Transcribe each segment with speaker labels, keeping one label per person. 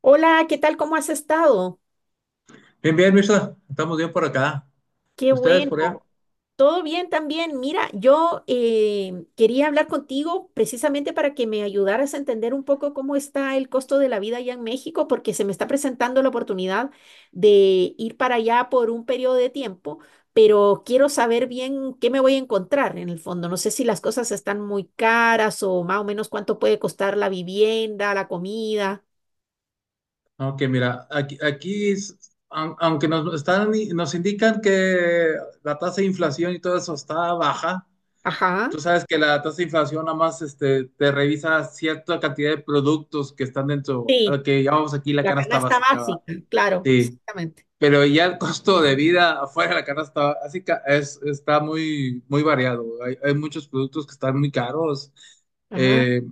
Speaker 1: Hola, ¿qué tal? ¿Cómo has estado?
Speaker 2: Bien, bien, Mirza, estamos bien por acá.
Speaker 1: Qué
Speaker 2: ¿Ustedes por allá?
Speaker 1: bueno. Todo bien también. Mira, yo quería hablar contigo precisamente para que me ayudaras a entender un poco cómo está el costo de la vida allá en México, porque se me está presentando la oportunidad de ir para allá por un periodo de tiempo, pero quiero saber bien qué me voy a encontrar en el fondo. No sé si las cosas están muy caras o más o menos cuánto puede costar la vivienda, la comida.
Speaker 2: Aunque mira, aquí aunque nos indican que la tasa de inflación y todo eso está baja.
Speaker 1: Ajá.
Speaker 2: Tú sabes que la tasa de inflación nada más te revisa cierta cantidad de productos que están dentro, a lo
Speaker 1: Sí,
Speaker 2: que llamamos aquí la
Speaker 1: la
Speaker 2: canasta
Speaker 1: canasta
Speaker 2: básica¿va?
Speaker 1: básica, claro,
Speaker 2: Sí.
Speaker 1: exactamente.
Speaker 2: Pero ya el costo de vida afuera de la canasta, así que está muy, muy variado. Hay muchos productos que están muy caros.
Speaker 1: Ah,
Speaker 2: Eh,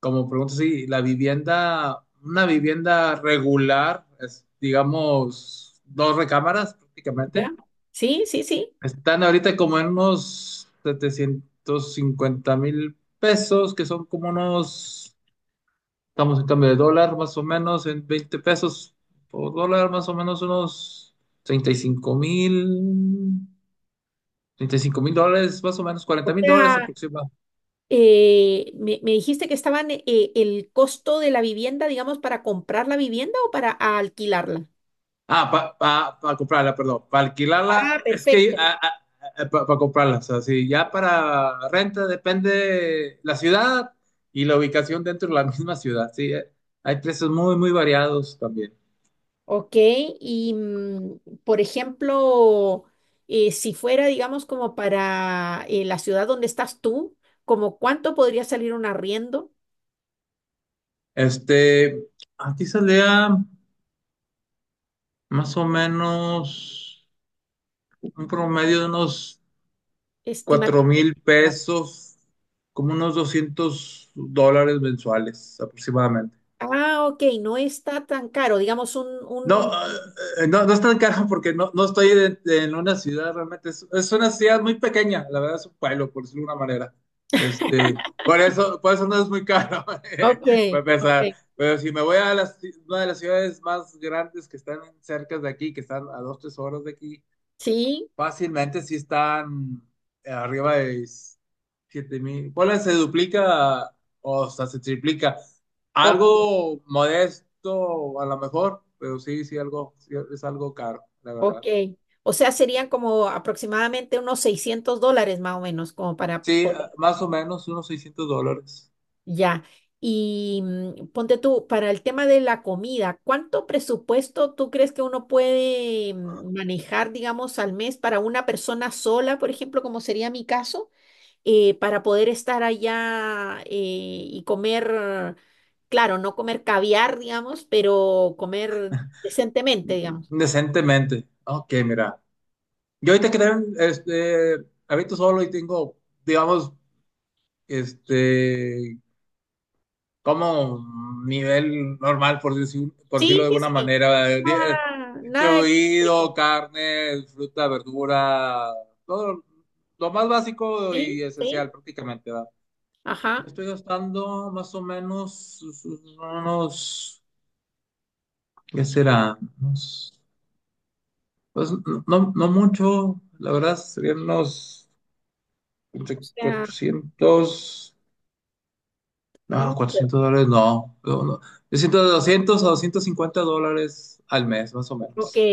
Speaker 2: como pregunto, sí, la vivienda, una vivienda regular, es, digamos, dos recámaras
Speaker 1: ya.
Speaker 2: prácticamente,
Speaker 1: Sí, sí, sí.
Speaker 2: están ahorita como en unos 750,000 pesos, que son como unos... estamos en cambio de dólar, más o menos, en 20 pesos por dólar, más o menos unos 35 mil, $35,000, más o menos
Speaker 1: O
Speaker 2: $40,000
Speaker 1: sea,
Speaker 2: aproximadamente.
Speaker 1: me dijiste que estaban el costo de la vivienda, digamos, para comprar la vivienda o para alquilarla.
Speaker 2: Ah, para pa, pa pa comprarla, perdón, para alquilarla,
Speaker 1: Ah,
Speaker 2: es que
Speaker 1: perfecto.
Speaker 2: para comprarla, o sea, sí. Ya para renta depende la ciudad y la ubicación dentro de la misma ciudad. Sí, hay precios muy, muy variados también.
Speaker 1: Ok, y mm, por ejemplo, si fuera, digamos, como para la ciudad donde estás tú, ¿como cuánto podría salir un arriendo
Speaker 2: Este, aquí salía más o menos, un promedio de unos cuatro
Speaker 1: estimativamente?
Speaker 2: mil
Speaker 1: ¿Digamos?
Speaker 2: pesos, como unos $200 mensuales aproximadamente.
Speaker 1: Ah, ok, no está tan caro, digamos un,
Speaker 2: No,
Speaker 1: un...
Speaker 2: no es tan caro porque no estoy en una ciudad realmente. Es una ciudad muy pequeña, la verdad, es un pueblo, por decirlo de una manera. Por eso no es muy caro,
Speaker 1: Ok,
Speaker 2: para empezar.
Speaker 1: ok.
Speaker 2: Pero si me voy a las una de las ciudades más grandes que están cerca de aquí, que están a dos, tres horas de aquí,
Speaker 1: Sí,
Speaker 2: fácilmente sí están arriba de 7,000. ¿Cuál? Se duplica, o sea, se triplica.
Speaker 1: ok.
Speaker 2: Algo modesto, a lo mejor, pero sí, sí, algo, sí, es algo caro, la
Speaker 1: Ok.
Speaker 2: verdad.
Speaker 1: O sea, serían como aproximadamente unos $600 más o menos, como para
Speaker 2: Sí,
Speaker 1: poder.
Speaker 2: más o menos unos $600.
Speaker 1: Ya. Y mm, ponte tú, para el tema de la comida, ¿cuánto presupuesto tú crees que uno puede mm, manejar, digamos, al mes para una persona sola, por ejemplo, como sería mi caso, para poder estar allá y comer, claro, no comer caviar, digamos, pero comer decentemente, ¿digamos?
Speaker 2: Decentemente. Ok, mira. Yo ahorita que tengo, habito solo y tengo, digamos, este, como un nivel normal, por decirlo
Speaker 1: Sí,
Speaker 2: de
Speaker 1: sí,
Speaker 2: alguna
Speaker 1: sí.
Speaker 2: manera,
Speaker 1: Nada, nada exótico.
Speaker 2: distribuido, carne, fruta, verdura, todo lo más básico
Speaker 1: Sí,
Speaker 2: y
Speaker 1: ¿sí?
Speaker 2: esencial prácticamente, ¿va? Yo
Speaker 1: Ajá.
Speaker 2: estoy gastando más o menos unos... ¿qué será? Pues no, no mucho, la verdad, serían unos
Speaker 1: O sea,
Speaker 2: 400.
Speaker 1: un...
Speaker 2: No, 400 dólares no. No, no. Yo siento de doscientos a 250 dólares al mes, más o
Speaker 1: Ok,
Speaker 2: menos.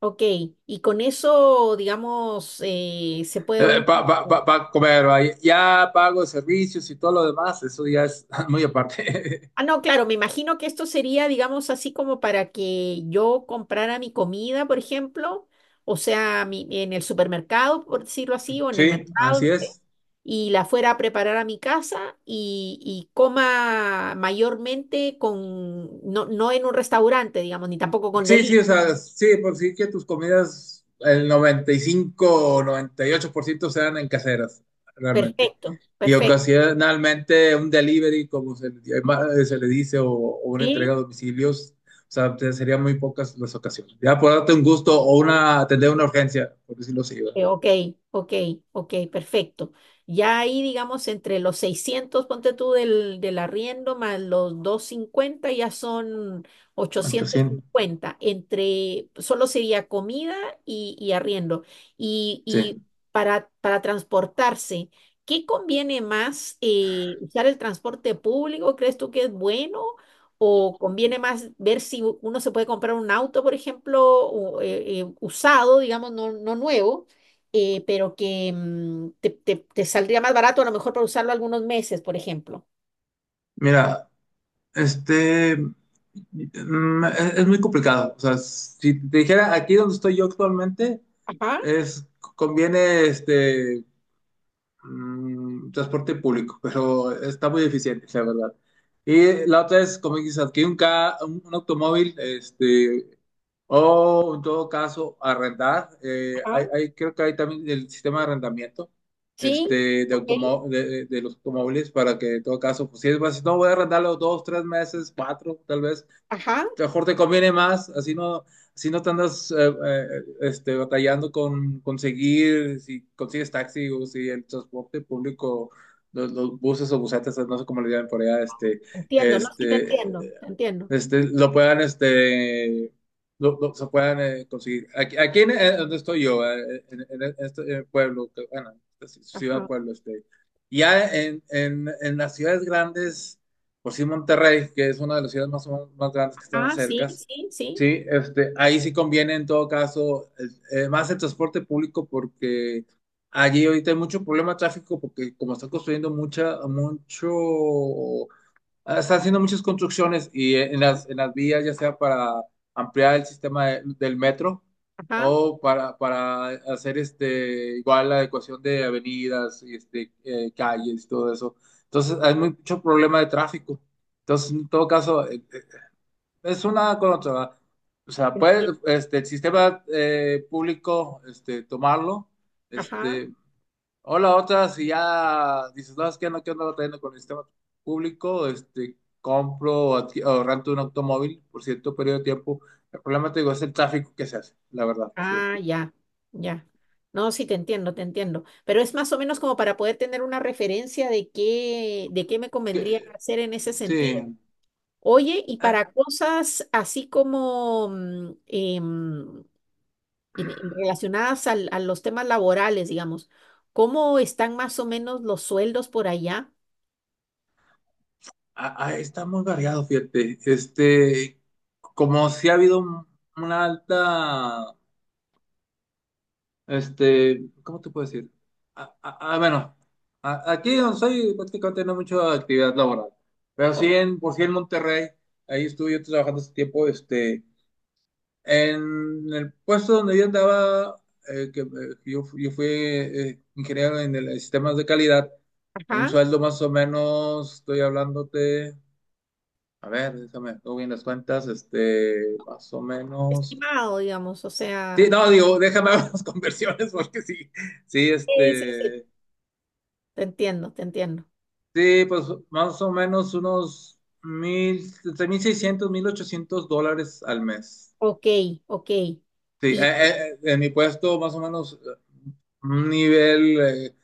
Speaker 1: ok. Y con eso, digamos, se puede uno...
Speaker 2: Para comer, va. Ya pago servicios y todo lo demás, eso ya es muy aparte.
Speaker 1: Ah, no, claro, me imagino que esto sería, digamos, así como para que yo comprara mi comida, por ejemplo, o sea, mi... en el supermercado, por decirlo así, o en el
Speaker 2: Sí,
Speaker 1: mercado,
Speaker 2: así es.
Speaker 1: y la fuera a preparar a mi casa y coma mayormente con, no, no en un restaurante, digamos, ni tampoco con
Speaker 2: Sí, sí,
Speaker 1: delivery.
Speaker 2: o sea, sí, por sí que tus comidas, el 95% o 98% sean en caseras, realmente.
Speaker 1: Perfecto,
Speaker 2: Y
Speaker 1: perfecto.
Speaker 2: ocasionalmente un delivery, como se, le llama- se le dice, o, una entrega
Speaker 1: Sí.
Speaker 2: a domicilios, o sea, serían muy pocas las ocasiones. Ya por darte un gusto o una, atender una urgencia, por decirlo así, ¿verdad?
Speaker 1: Ok, ok, ok, perfecto. Ya ahí, digamos, entre los 600 ponte tú del, del arriendo, más los 250 ya son ochocientos
Speaker 2: 800,
Speaker 1: cincuenta Entre, solo sería comida y arriendo. Y
Speaker 2: sí.
Speaker 1: para transportarse, ¿qué conviene más? ¿Usar el transporte público? ¿Crees tú que es bueno? ¿O conviene más ver si uno se puede comprar un auto, por ejemplo, o, usado, digamos, no, no nuevo? Pero que mm, te saldría más barato a lo mejor para usarlo algunos meses, por ejemplo.
Speaker 2: Mira. Este, es muy complicado. O sea, si te dijera aquí donde estoy yo actualmente,
Speaker 1: Ajá,
Speaker 2: es, conviene transporte público, pero está muy eficiente, la verdad. Y la otra es, como dices, adquirir un automóvil, o en todo caso, arrendar. eh,
Speaker 1: ajá,
Speaker 2: hay, hay- creo que hay también el sistema de arrendamiento,
Speaker 1: sí,
Speaker 2: este, de,
Speaker 1: ok,
Speaker 2: automo- de, de los automóviles, para que en todo caso, pues si es más, si no voy a arrendarlo dos, tres meses, cuatro, tal vez.
Speaker 1: ajá,
Speaker 2: Mejor te conviene más, así no te andas batallando con conseguir, si consigues taxi o si el transporte público, los buses o busetas, no sé cómo le llaman por allá. este,
Speaker 1: entiendo, ¿no? Sí, te
Speaker 2: este,
Speaker 1: entiendo, te entiendo.
Speaker 2: este, lo puedan, se puedan conseguir. Aquí donde estoy yo, en este pueblo, que, bueno, es ciudad,
Speaker 1: Ajá,
Speaker 2: pueblo. Ya en las ciudades grandes, por sí Monterrey, que es una de las ciudades más, o menos más grandes que están
Speaker 1: ah, sí,
Speaker 2: cerca.
Speaker 1: sí, sí,
Speaker 2: Sí, ahí sí conviene en todo caso más el transporte público porque allí ahorita hay mucho problema de tráfico porque como están construyendo mucho... ah, están haciendo muchas construcciones y en las vías, ya sea para ampliar el sistema del metro,
Speaker 1: ajá,
Speaker 2: o para hacer igual la adecuación de avenidas, y calles y todo eso. Entonces, hay mucho problema de tráfico. Entonces, en todo caso, es una con otra. O sea,
Speaker 1: enti-
Speaker 2: puede el sistema público tomarlo,
Speaker 1: ajá,
Speaker 2: este, o la otra. Si ya dices, no, es que no quiero andar batallando con el sistema público, compro o rento un automóvil por cierto periodo de tiempo. El problema, te digo, es el tráfico que se hace, la verdad, sí.
Speaker 1: ah, ya, ya. No, sí, te entiendo, te entiendo. Pero es más o menos como para poder tener una referencia de qué me convendría
Speaker 2: Que-
Speaker 1: hacer en ese
Speaker 2: sí.
Speaker 1: sentido. Oye, y
Speaker 2: Ah,
Speaker 1: para cosas así como, mm, em, relacionadas a los temas laborales, digamos. ¿Cómo están más o menos los sueldos por allá?
Speaker 2: está muy variado, fíjate. Como si ha habido una alta... ¿cómo te puedo decir? Bueno, aquí donde soy prácticamente no hay mucha actividad laboral, pero
Speaker 1: O-
Speaker 2: sí en, por sí en Monterrey, ahí estuve yo trabajando hace tiempo. En el puesto donde yo andaba, eh, que, eh, yo, yo fui ingeniero en en sistemas de calidad, un
Speaker 1: ajá,
Speaker 2: sueldo más o menos, estoy hablándote, a ver, déjame, hago bien las cuentas, más o menos,
Speaker 1: estimado, digamos, o
Speaker 2: sí,
Speaker 1: sea.
Speaker 2: no, digo, déjame ver las conversiones porque sí, sí,
Speaker 1: Sí, sí, sí. Te entiendo, te entiendo.
Speaker 2: Sí, pues más o menos unos 1,000, entre $1,800 al mes.
Speaker 1: Ok, ok.
Speaker 2: Sí,
Speaker 1: Y,
Speaker 2: en mi puesto más o menos un nivel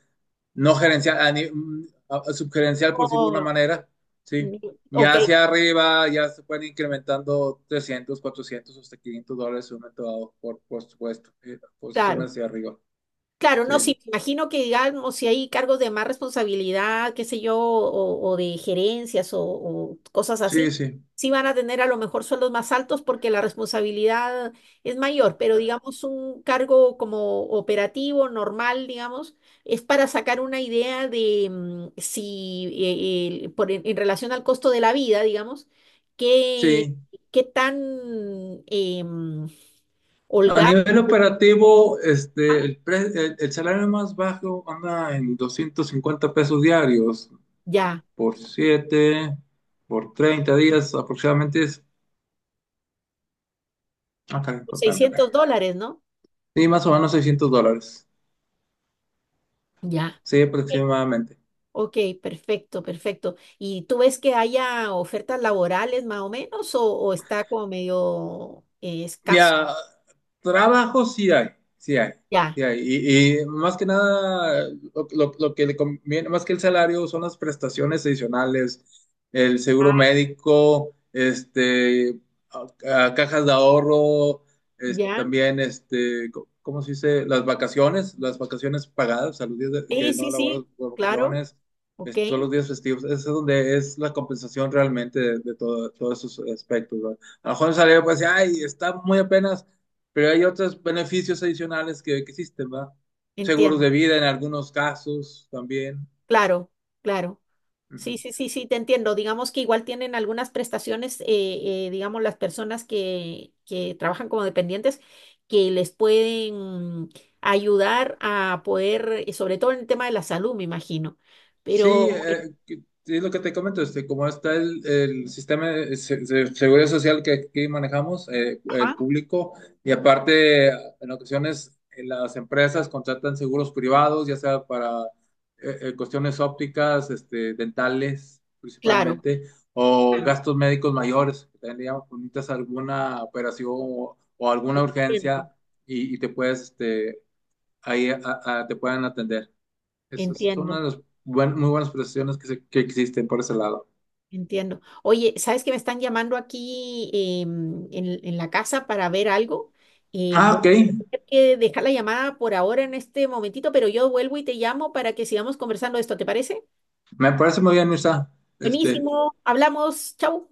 Speaker 2: no gerencial, a ni- mm, a- subgerencial, por decirlo de una
Speaker 1: oh,
Speaker 2: manera, sí.
Speaker 1: mm, ok,
Speaker 2: Ya hacia arriba ya se pueden ir incrementando 300, 400, hasta $500 en un momento dado, por supuesto,
Speaker 1: claro.
Speaker 2: posiciones hacia arriba.
Speaker 1: Claro, no,
Speaker 2: Sí,
Speaker 1: sí, me imagino que digamos, si hay cargos de más responsabilidad, qué sé yo, o de gerencias o cosas
Speaker 2: sí,
Speaker 1: así,
Speaker 2: sí.
Speaker 1: sí van a tener a lo mejor sueldos más altos porque la responsabilidad es mayor, pero digamos un cargo como operativo, normal, digamos, es para sacar una idea de mm, si, por, en relación al costo de la vida, digamos, qué,
Speaker 2: Sí,
Speaker 1: qué tan em,
Speaker 2: a
Speaker 1: holgado,
Speaker 2: nivel operativo,
Speaker 1: ah,
Speaker 2: el salario más bajo anda en 250 pesos diarios
Speaker 1: ya,
Speaker 2: por 7, por 30 días aproximadamente es... ah, caray, espérame,
Speaker 1: 600
Speaker 2: espérame.
Speaker 1: dólares, ¿no?
Speaker 2: Sí, más o menos $600.
Speaker 1: Ya.
Speaker 2: Sí, aproximadamente.
Speaker 1: Ok, perfecto, perfecto. ¿Y tú ves que haya ofertas laborales más o menos o está como medio escaso?
Speaker 2: Ya, trabajo sí hay, sí hay,
Speaker 1: Ya,
Speaker 2: sí hay. Y más que nada, lo que le conviene, más que el salario, son las prestaciones adicionales, el seguro
Speaker 1: ah,
Speaker 2: médico, a cajas de ahorro,
Speaker 1: ya.
Speaker 2: ¿cómo se dice? Las vacaciones pagadas, o sea, los días
Speaker 1: Sí,
Speaker 2: que no
Speaker 1: sí,
Speaker 2: laboras
Speaker 1: sí,
Speaker 2: por
Speaker 1: claro.
Speaker 2: vacaciones,
Speaker 1: Ok,
Speaker 2: todos los días festivos. Eso es donde es la compensación realmente de todos esos aspectos, ¿no? A lo mejor salió, pues, ay, está muy apenas, pero hay otros beneficios adicionales que existen, ¿va? Seguros
Speaker 1: entiendo.
Speaker 2: de vida en algunos casos también.
Speaker 1: Claro, claro. Sí, sí, sí, sí, te entiendo. Digamos que igual tienen algunas prestaciones, digamos, las personas que trabajan como dependientes, que les pueden ayudar a poder, sobre todo en el tema de la salud, me imagino. Pero
Speaker 2: Sí, que- es lo que te comento. Como está el sistema de seguridad social que aquí manejamos, el
Speaker 1: ajá,
Speaker 2: público, y aparte, en ocasiones las empresas contratan seguros privados, ya sea para cuestiones ópticas, dentales
Speaker 1: claro.
Speaker 2: principalmente, o gastos médicos mayores, que también digamos, cuando necesitas alguna operación o alguna
Speaker 1: Entiendo,
Speaker 2: urgencia, y te puedes, ahí a- te pueden atender. Es una de
Speaker 1: entiendo,
Speaker 2: las muy buenas profesiones que, que existen por ese lado.
Speaker 1: entiendo. Oye, ¿sabes que me están llamando aquí em, en la casa para ver algo?
Speaker 2: Ah,
Speaker 1: Voy
Speaker 2: ok.
Speaker 1: a tener que dejar la llamada por ahora en este momentito, pero yo vuelvo y te llamo para que sigamos conversando de esto, ¿te parece?
Speaker 2: Me parece muy bien, Mirza. Este,
Speaker 1: Buenísimo, hablamos, chau.